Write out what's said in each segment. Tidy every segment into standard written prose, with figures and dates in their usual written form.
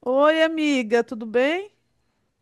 Oi, amiga, tudo bem?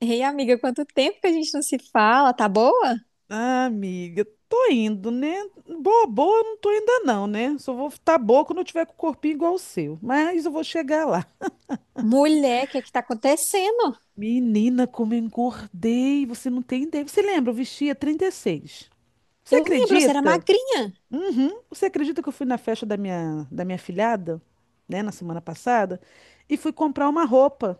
Ei, amiga, quanto tempo que a gente não se fala, tá boa? Ah, amiga, tô indo, né? Boa, boa, eu não tô ainda não, né? Só vou estar boa quando eu tiver com o corpinho igual o seu. Mas eu vou chegar lá. Mulher, o que é que tá acontecendo? Menina, como eu engordei, você não tem ideia. Você lembra, eu vestia 36. Você Eu lembro, você era acredita? magrinha, Uhum. Você acredita que eu fui na festa da minha filhada, né, na semana passada, e fui comprar uma roupa.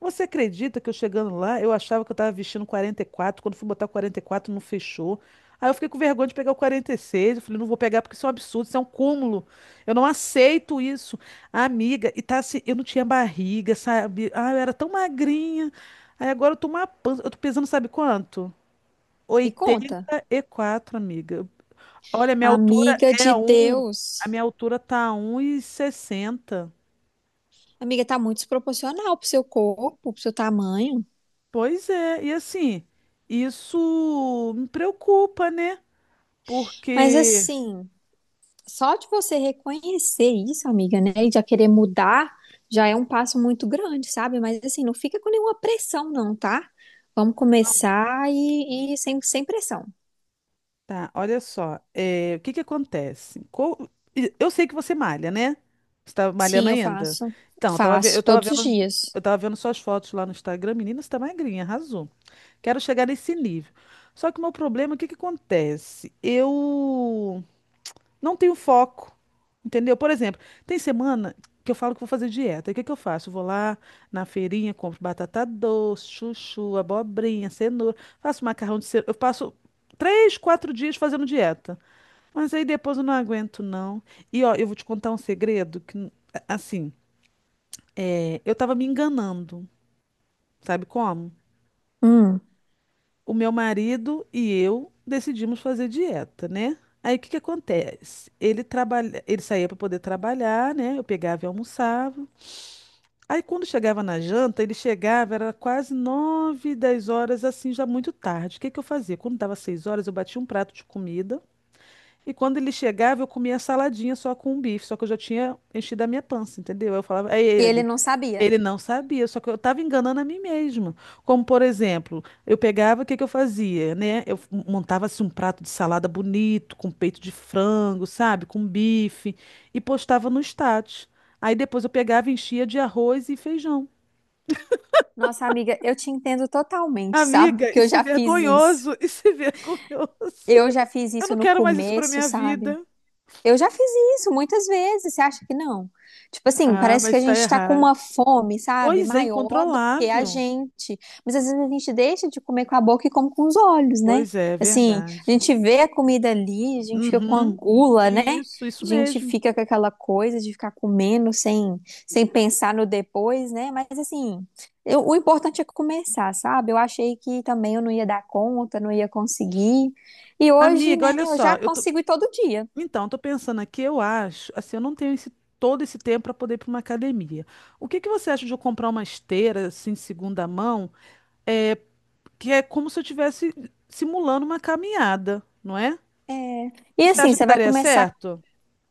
Você acredita que eu chegando lá, eu achava que eu tava vestindo 44? Quando fui botar 44, não fechou. Aí eu fiquei com vergonha de pegar o 46. Eu falei, não vou pegar porque isso é um absurdo, isso é um cúmulo. Eu não aceito isso. A amiga, e tá assim, eu não tinha barriga, sabe? Ah, eu era tão magrinha. Aí agora eu tô uma pança, eu tô pesando sabe quanto? me conta. 84, amiga. Olha, Amiga de a Deus. minha altura tá um 1,60. Amiga, tá muito desproporcional pro seu corpo, pro seu tamanho. Pois é, e assim, isso me preocupa, né? Mas Porque, assim, só de você reconhecer isso, amiga, né, e já querer mudar, já é um passo muito grande, sabe? Mas assim, não fica com nenhuma pressão, não, tá? Vamos começar e sem, sem pressão. tá, olha só, o que que acontece? Eu sei que você malha, né? Você tá malhando Sim, eu ainda. faço. Então, Faço todos os dias. eu tava vendo suas fotos lá no Instagram. Menina, você tá magrinha, arrasou. Quero chegar nesse nível. Só que o meu problema, o que que acontece? Eu não tenho foco, entendeu? Por exemplo, tem semana que eu falo que vou fazer dieta. E o que que eu faço? Eu vou lá na feirinha, compro batata doce, chuchu, abobrinha, cenoura, faço macarrão de cenoura. Eu passo 3, 4 dias fazendo dieta. Mas aí depois eu não aguento, não. E ó, eu vou te contar um segredo que, assim, eu tava me enganando, sabe como? Hum. O meu marido e eu decidimos fazer dieta, né? Aí o que que acontece? Ele trabalha, ele saía para poder trabalhar, né? Eu pegava e almoçava. Aí quando chegava na janta, ele chegava, era quase 9, 10 horas, assim, já muito tarde. O que que eu fazia? Quando dava 6 horas, eu batia um prato de comida e quando ele chegava, eu comia saladinha só com um bife, só que eu já tinha enchido a minha pança, entendeu? Eu falava, aí E ele ele. não sabia. Ele não sabia, só que eu estava enganando a mim mesma. Como, por exemplo, eu pegava, o que que eu fazia, né? Eu montava assim um prato de salada bonito, com peito de frango, sabe? Com bife, e postava no status. Aí depois eu pegava e enchia de arroz e feijão. Nossa, amiga, eu te entendo totalmente, sabe? Amiga, Porque eu isso é já fiz isso. vergonhoso, isso é vergonhoso. Eu já fiz Eu isso não no quero mais isso para começo, minha sabe? vida. Eu já fiz isso muitas vezes, você acha que não? Tipo assim, Ah, parece que mas a está gente tá com errado. uma fome, sabe? Pois é, Maior do que a incontrolável. gente. Mas às vezes a gente deixa de comer com a boca e come com os olhos, né? Pois é, é Assim, a verdade. gente vê a comida ali, a gente fica com a Uhum. gula, né? Isso, A isso gente mesmo. fica com aquela coisa de ficar comendo sem, sem pensar no depois, né? Mas assim, o importante é começar, sabe? Eu achei que também eu não ia dar conta, não ia conseguir. E hoje, Amiga, né, olha eu só, já eu tô... consigo ir todo dia. Então, eu tô pensando aqui, eu acho, assim, eu não tenho esse, todo esse tempo para poder ir para uma academia. O que que você acha de eu comprar uma esteira, assim, de segunda mão, é, que é como se eu estivesse simulando uma caminhada, não é? É. E Você assim, acha que você vai daria começar, certo?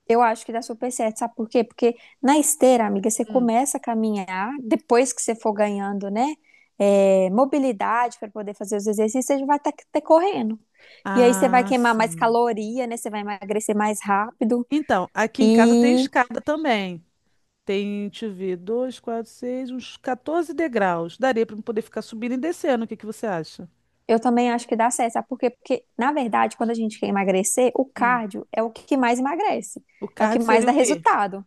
eu acho que dá super certo, sabe por quê? Porque na esteira, amiga, você Hum. começa a caminhar, depois que você for ganhando, né, mobilidade para poder fazer os exercícios, você já vai estar correndo. E aí você vai Ah, queimar mais sim. caloria, né, você vai emagrecer mais rápido. Então, aqui em casa tem E escada também. Tem, deixa eu ver, dois, quatro, seis, uns 14 degraus. Daria para poder ficar subindo e descendo. O que que você acha? eu também acho que dá certo, sabe por quê? Porque, na verdade, quando a gente quer emagrecer, o Hum. cardio é o que mais emagrece, O é o que card mais seria dá o quê? resultado.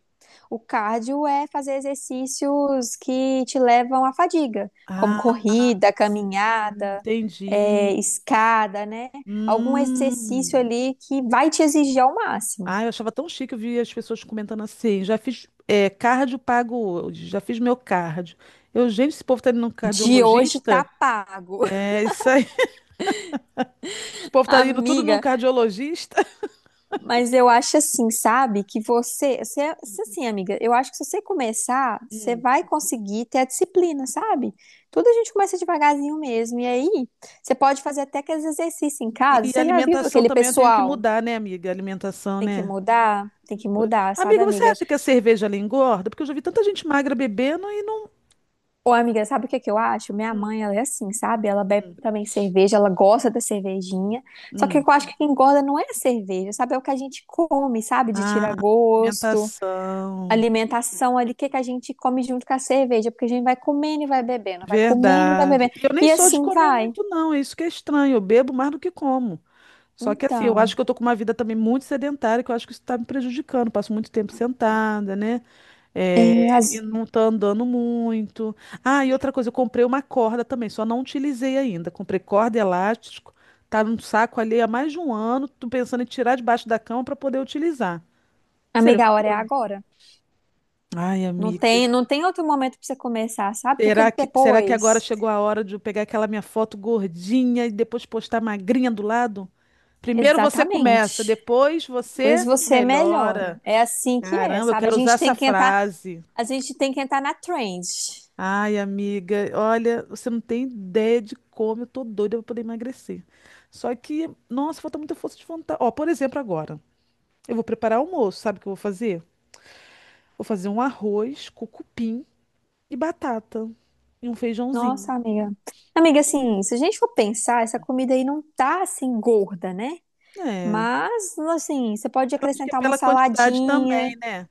O cardio é fazer exercícios que te levam à fadiga, como Ah, corrida, sim, caminhada, entendi. escada, né? Algum exercício Hum. ali que vai te exigir ao máximo. Ah, eu achava tão chique, eu vi as pessoas comentando assim. Já fiz cardio pago hoje, já fiz meu cardio. Eu, gente, esse povo tá indo num De hoje tá cardiologista? pago, É isso aí. Esse povo tá indo tudo num amiga. cardiologista. Mas eu acho assim, sabe? Que você assim, amiga, eu acho que se você começar, você Hum. vai conseguir ter a disciplina, sabe? Tudo a gente começa devagarzinho mesmo. E aí, você pode fazer até aqueles exercícios em casa. E Você já viu alimentação aquele também eu tenho que pessoal? mudar, né, amiga? Alimentação, né? Tem que Pois- mudar, sabe, amiga, você amiga? acha que a cerveja ela engorda? Porque eu já vi tanta gente magra bebendo e não. Ô, amiga, sabe o que é que eu acho? Minha mãe, ela é assim, sabe? Ela bebe Hum, também cerveja, ela gosta da cervejinha. Só que hum. eu acho que quem engorda não é a cerveja, sabe? É o que a gente come, sabe? De Ah, tirar gosto, alimentação. alimentação ali, o que que a gente come junto com a cerveja, porque a gente vai comendo e vai bebendo, vai comendo e vai Verdade. bebendo. E eu nem E sou de assim comer vai. muito, não. É isso que é estranho. Eu bebo mais do que como. Só que assim, eu acho Então, que eu tô com uma vida também muito sedentária, que eu acho que isso tá me prejudicando. Passo muito tempo sentada, né? é, É, e as- não tá andando muito. Ah, e outra coisa, eu comprei uma corda também, só não utilizei ainda. Comprei corda e elástico, tá num saco ali há mais de um ano, tô pensando em tirar debaixo da cama para poder utilizar. Seria amiga, a uma hora é boa. agora. Ai, Não amiga. tem, não tem outro momento pra você começar, sabe? Porque Será que agora depois. chegou a hora de eu pegar aquela minha foto gordinha e depois postar magrinha do lado? Primeiro você começa, Exatamente. depois Pois você você melhora. melhora. É assim que é, Caramba, eu sabe? A quero usar gente essa tem que entrar, frase. a gente tem que entrar na trend. Ai, amiga, olha, você não tem ideia de como eu tô doida pra poder emagrecer. Só que, nossa, falta muita força de vontade. Ó, por exemplo, agora, eu vou preparar almoço, sabe o que eu vou fazer? Vou fazer um arroz com cupim e batata e um feijãozinho. Nossa, amiga. Amiga, assim, se a gente for pensar, essa comida aí não tá assim gorda, né? É, eu Mas, assim, você pode acho que é acrescentar uma pela quantidade saladinha, também, né?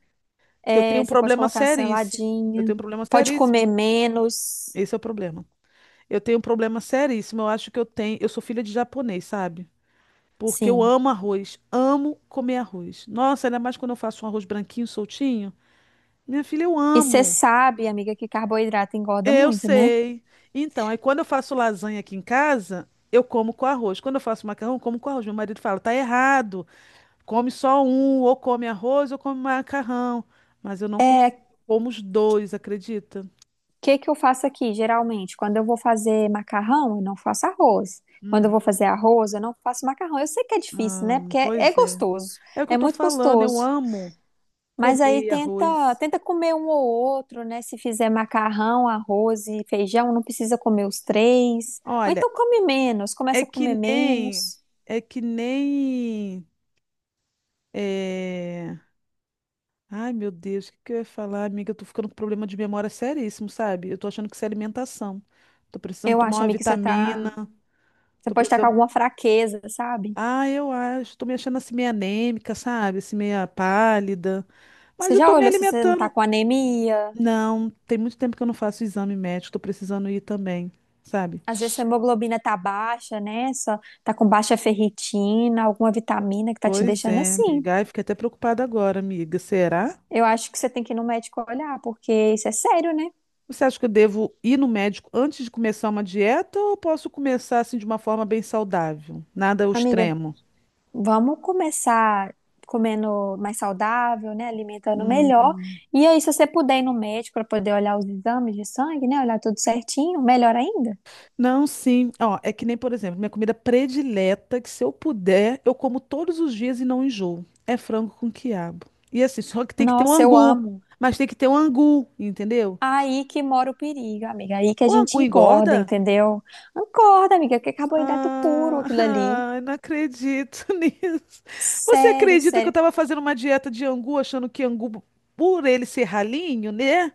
Que eu tenho um você pode problema colocar uma seríssimo. Eu saladinha, tenho um problema pode seríssimo. comer menos, Esse é o problema. Eu tenho um problema seríssimo. Eu acho que eu tenho, eu sou filha de japonês, sabe? Porque eu sim. amo arroz, amo comer arroz. Nossa, ainda mais quando eu faço um arroz branquinho, soltinho. Minha filha, eu E você amo. sabe, amiga, que carboidrato engorda Eu muito, né? sei. Então, aí quando eu faço lasanha aqui em casa, eu como com arroz. Quando eu faço macarrão, eu como com arroz. Meu marido fala, tá errado. Come só um, ou come arroz, ou come macarrão. Mas eu não consigo. É, Como os dois, acredita? Que eu faço aqui, geralmente? Quando eu vou fazer macarrão, eu não faço arroz. Quando eu vou Uhum. fazer arroz, eu não faço macarrão. Eu sei que é difícil, Ah, né? Porque é pois é. gostoso, É o que é eu tô muito falando, eu gostoso. amo Mas aí comer tenta, arroz. tenta comer um ou outro, né? Se fizer macarrão, arroz e feijão, não precisa comer os três. Ou Olha. então come menos, É começa a que comer nem. menos. É que nem. É... Ai, meu Deus, o que que eu ia falar, amiga? Eu tô ficando com problema de memória seríssimo, sabe? Eu tô achando que isso é alimentação. Tô precisando Eu tomar acho, uma amiga, que você tá, vitamina. você Tô pode estar com precisando. alguma fraqueza, sabe? Ah, eu acho. Tô me achando assim meio anêmica, sabe? Assim, meia pálida. Mas Você eu tô já me olhou se você não tá alimentando. com anemia? Não, tem muito tempo que eu não faço exame médico. Tô precisando ir também, sabe? Às vezes sua hemoglobina tá baixa, né? Só tá com baixa ferritina, alguma vitamina que tá te Pois deixando é, assim. amiga. Ai, fiquei até preocupada agora, amiga. Será? Eu acho que você tem que ir no médico olhar, porque isso é sério, né? Você acha que eu devo ir no médico antes de começar uma dieta ou eu posso começar assim de uma forma bem saudável? Nada ao Amiga, extremo. vamos começar comendo mais saudável, né? Alimentando Hum, melhor. E aí, se você puder ir no médico para poder olhar os exames de sangue, né? Olhar tudo certinho, melhor ainda. não, sim. Ó, é que nem, por exemplo, minha comida predileta, que se eu puder, eu como todos os dias e não enjoo. É frango com quiabo. E assim, só que tem que ter um Nossa, eu angu. amo. Mas tem que ter um angu, entendeu? Aí que mora o perigo, amiga. Aí que a O gente angu engorda, engorda? entendeu? Encorda, amiga, que é carboidrato puro Ah, aquilo ali. ah, eu não acredito nisso. Você Sério, acredita que eu sério. estava fazendo uma dieta de angu, achando que angu, por ele ser ralinho, né?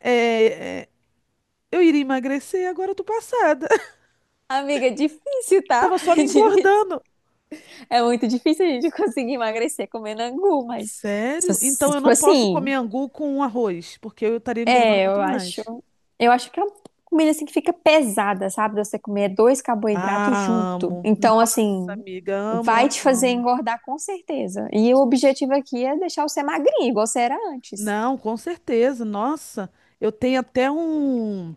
é, é, eu iria emagrecer, agora eu tô passada. Amiga, é difícil, tá? Tava só É me difícil. engordando. É muito difícil a gente conseguir emagrecer comendo angu, mas Sério? Então eu tipo não posso assim, comer angu com arroz, porque eu estaria engordando é, muito eu acho, mais. eu acho que é uma comida assim que fica pesada, sabe? Você comer dois carboidratos Ah, junto. amo. Então, Nossa, assim, amiga, amo, vai te amo, fazer amo. engordar com certeza. E o objetivo aqui é deixar você magrinho, igual você era antes. Não, com certeza. Nossa, eu tenho até um.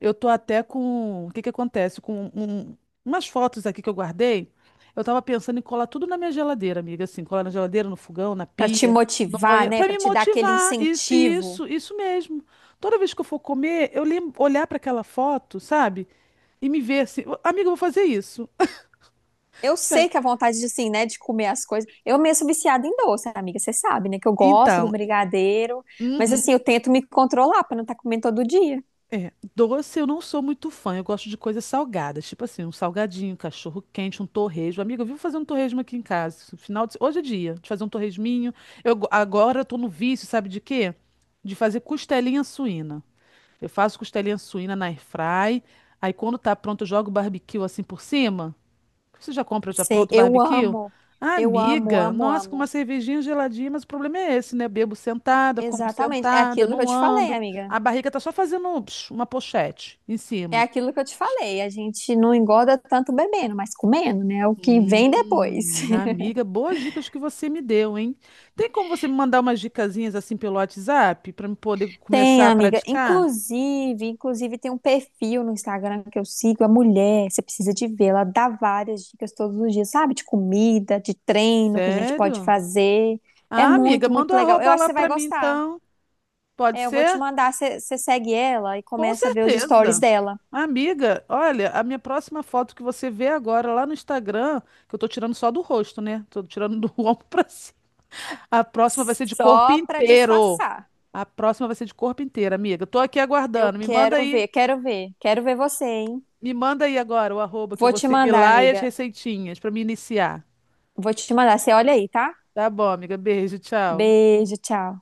Eu tô até com. O que que acontece? Com umas fotos aqui que eu guardei. Eu tava pensando em colar tudo na minha geladeira, amiga. Assim, colar na geladeira, no fogão, na Pra te pia, no motivar, banheiro, né? pra Pra me te dar aquele motivar. Isso, incentivo. isso, isso mesmo. Toda vez que eu for comer, eu lembro, olhar pra aquela foto, sabe? E me ver assim, "Ô, amiga, eu vou fazer isso." Eu Sério. sei que a vontade de, assim, né, de comer as coisas. Eu mesmo sou viciada em doce, amiga, você sabe, né? Que eu gosto do Então, brigadeiro, mas uhum. assim, eu tento me controlar pra não estar comendo todo dia. É, doce eu não sou muito fã, eu gosto de coisas salgadas, tipo assim, um salgadinho, um cachorro quente, um torresmo. Amiga, eu vivo fazer um torresmo aqui em casa. Esse final de... Hoje é dia de fazer um torresminho. Agora eu tô no vício, sabe de quê? De fazer costelinha suína. Eu faço costelinha suína na airfry, aí quando tá pronto eu jogo barbecue assim por cima. Você já compra já Sei, pronto eu barbecue? amo. Ah, Eu amo, amiga, amo, nossa, com uma amo. cervejinha geladinha, mas o problema é esse, né? Bebo sentada, como Exatamente. É sentada, aquilo que eu não te falei, ando. amiga. A barriga tá só fazendo psh, uma pochete em É cima. aquilo que eu te falei. A gente não engorda tanto bebendo, mas comendo, né? É o que vem depois. Amiga, boas dicas que você me deu, hein? Tem como você me mandar umas dicasinhas assim pelo WhatsApp para eu poder Tem, começar a amiga. praticar? Inclusive, inclusive tem um perfil no Instagram que eu sigo, a mulher, você precisa de ver, ela dá várias dicas todos os dias, sabe? De comida, de treino que a gente pode Sério? fazer. É Ah, amiga, muito, muito manda o legal. Eu arroba acho que lá você vai para mim gostar. então. Pode É, eu vou te ser? mandar, você segue ela e Com começa a ver os stories certeza. dela. Amiga, olha, a minha próxima foto que você vê agora lá no Instagram, que eu tô tirando só do rosto, né? Tô tirando do ombro pra cima. A próxima vai ser de corpo Só pra inteiro. disfarçar. A próxima vai ser de corpo inteiro, amiga. Tô aqui Eu aguardando. Quero ver, quero ver, quero ver você, hein? Me manda aí agora o arroba que eu Vou vou te seguir mandar, lá e as amiga. receitinhas pra me iniciar. Vou te mandar. Você olha aí, tá? Tá bom, amiga. Beijo, tchau. Beijo, tchau.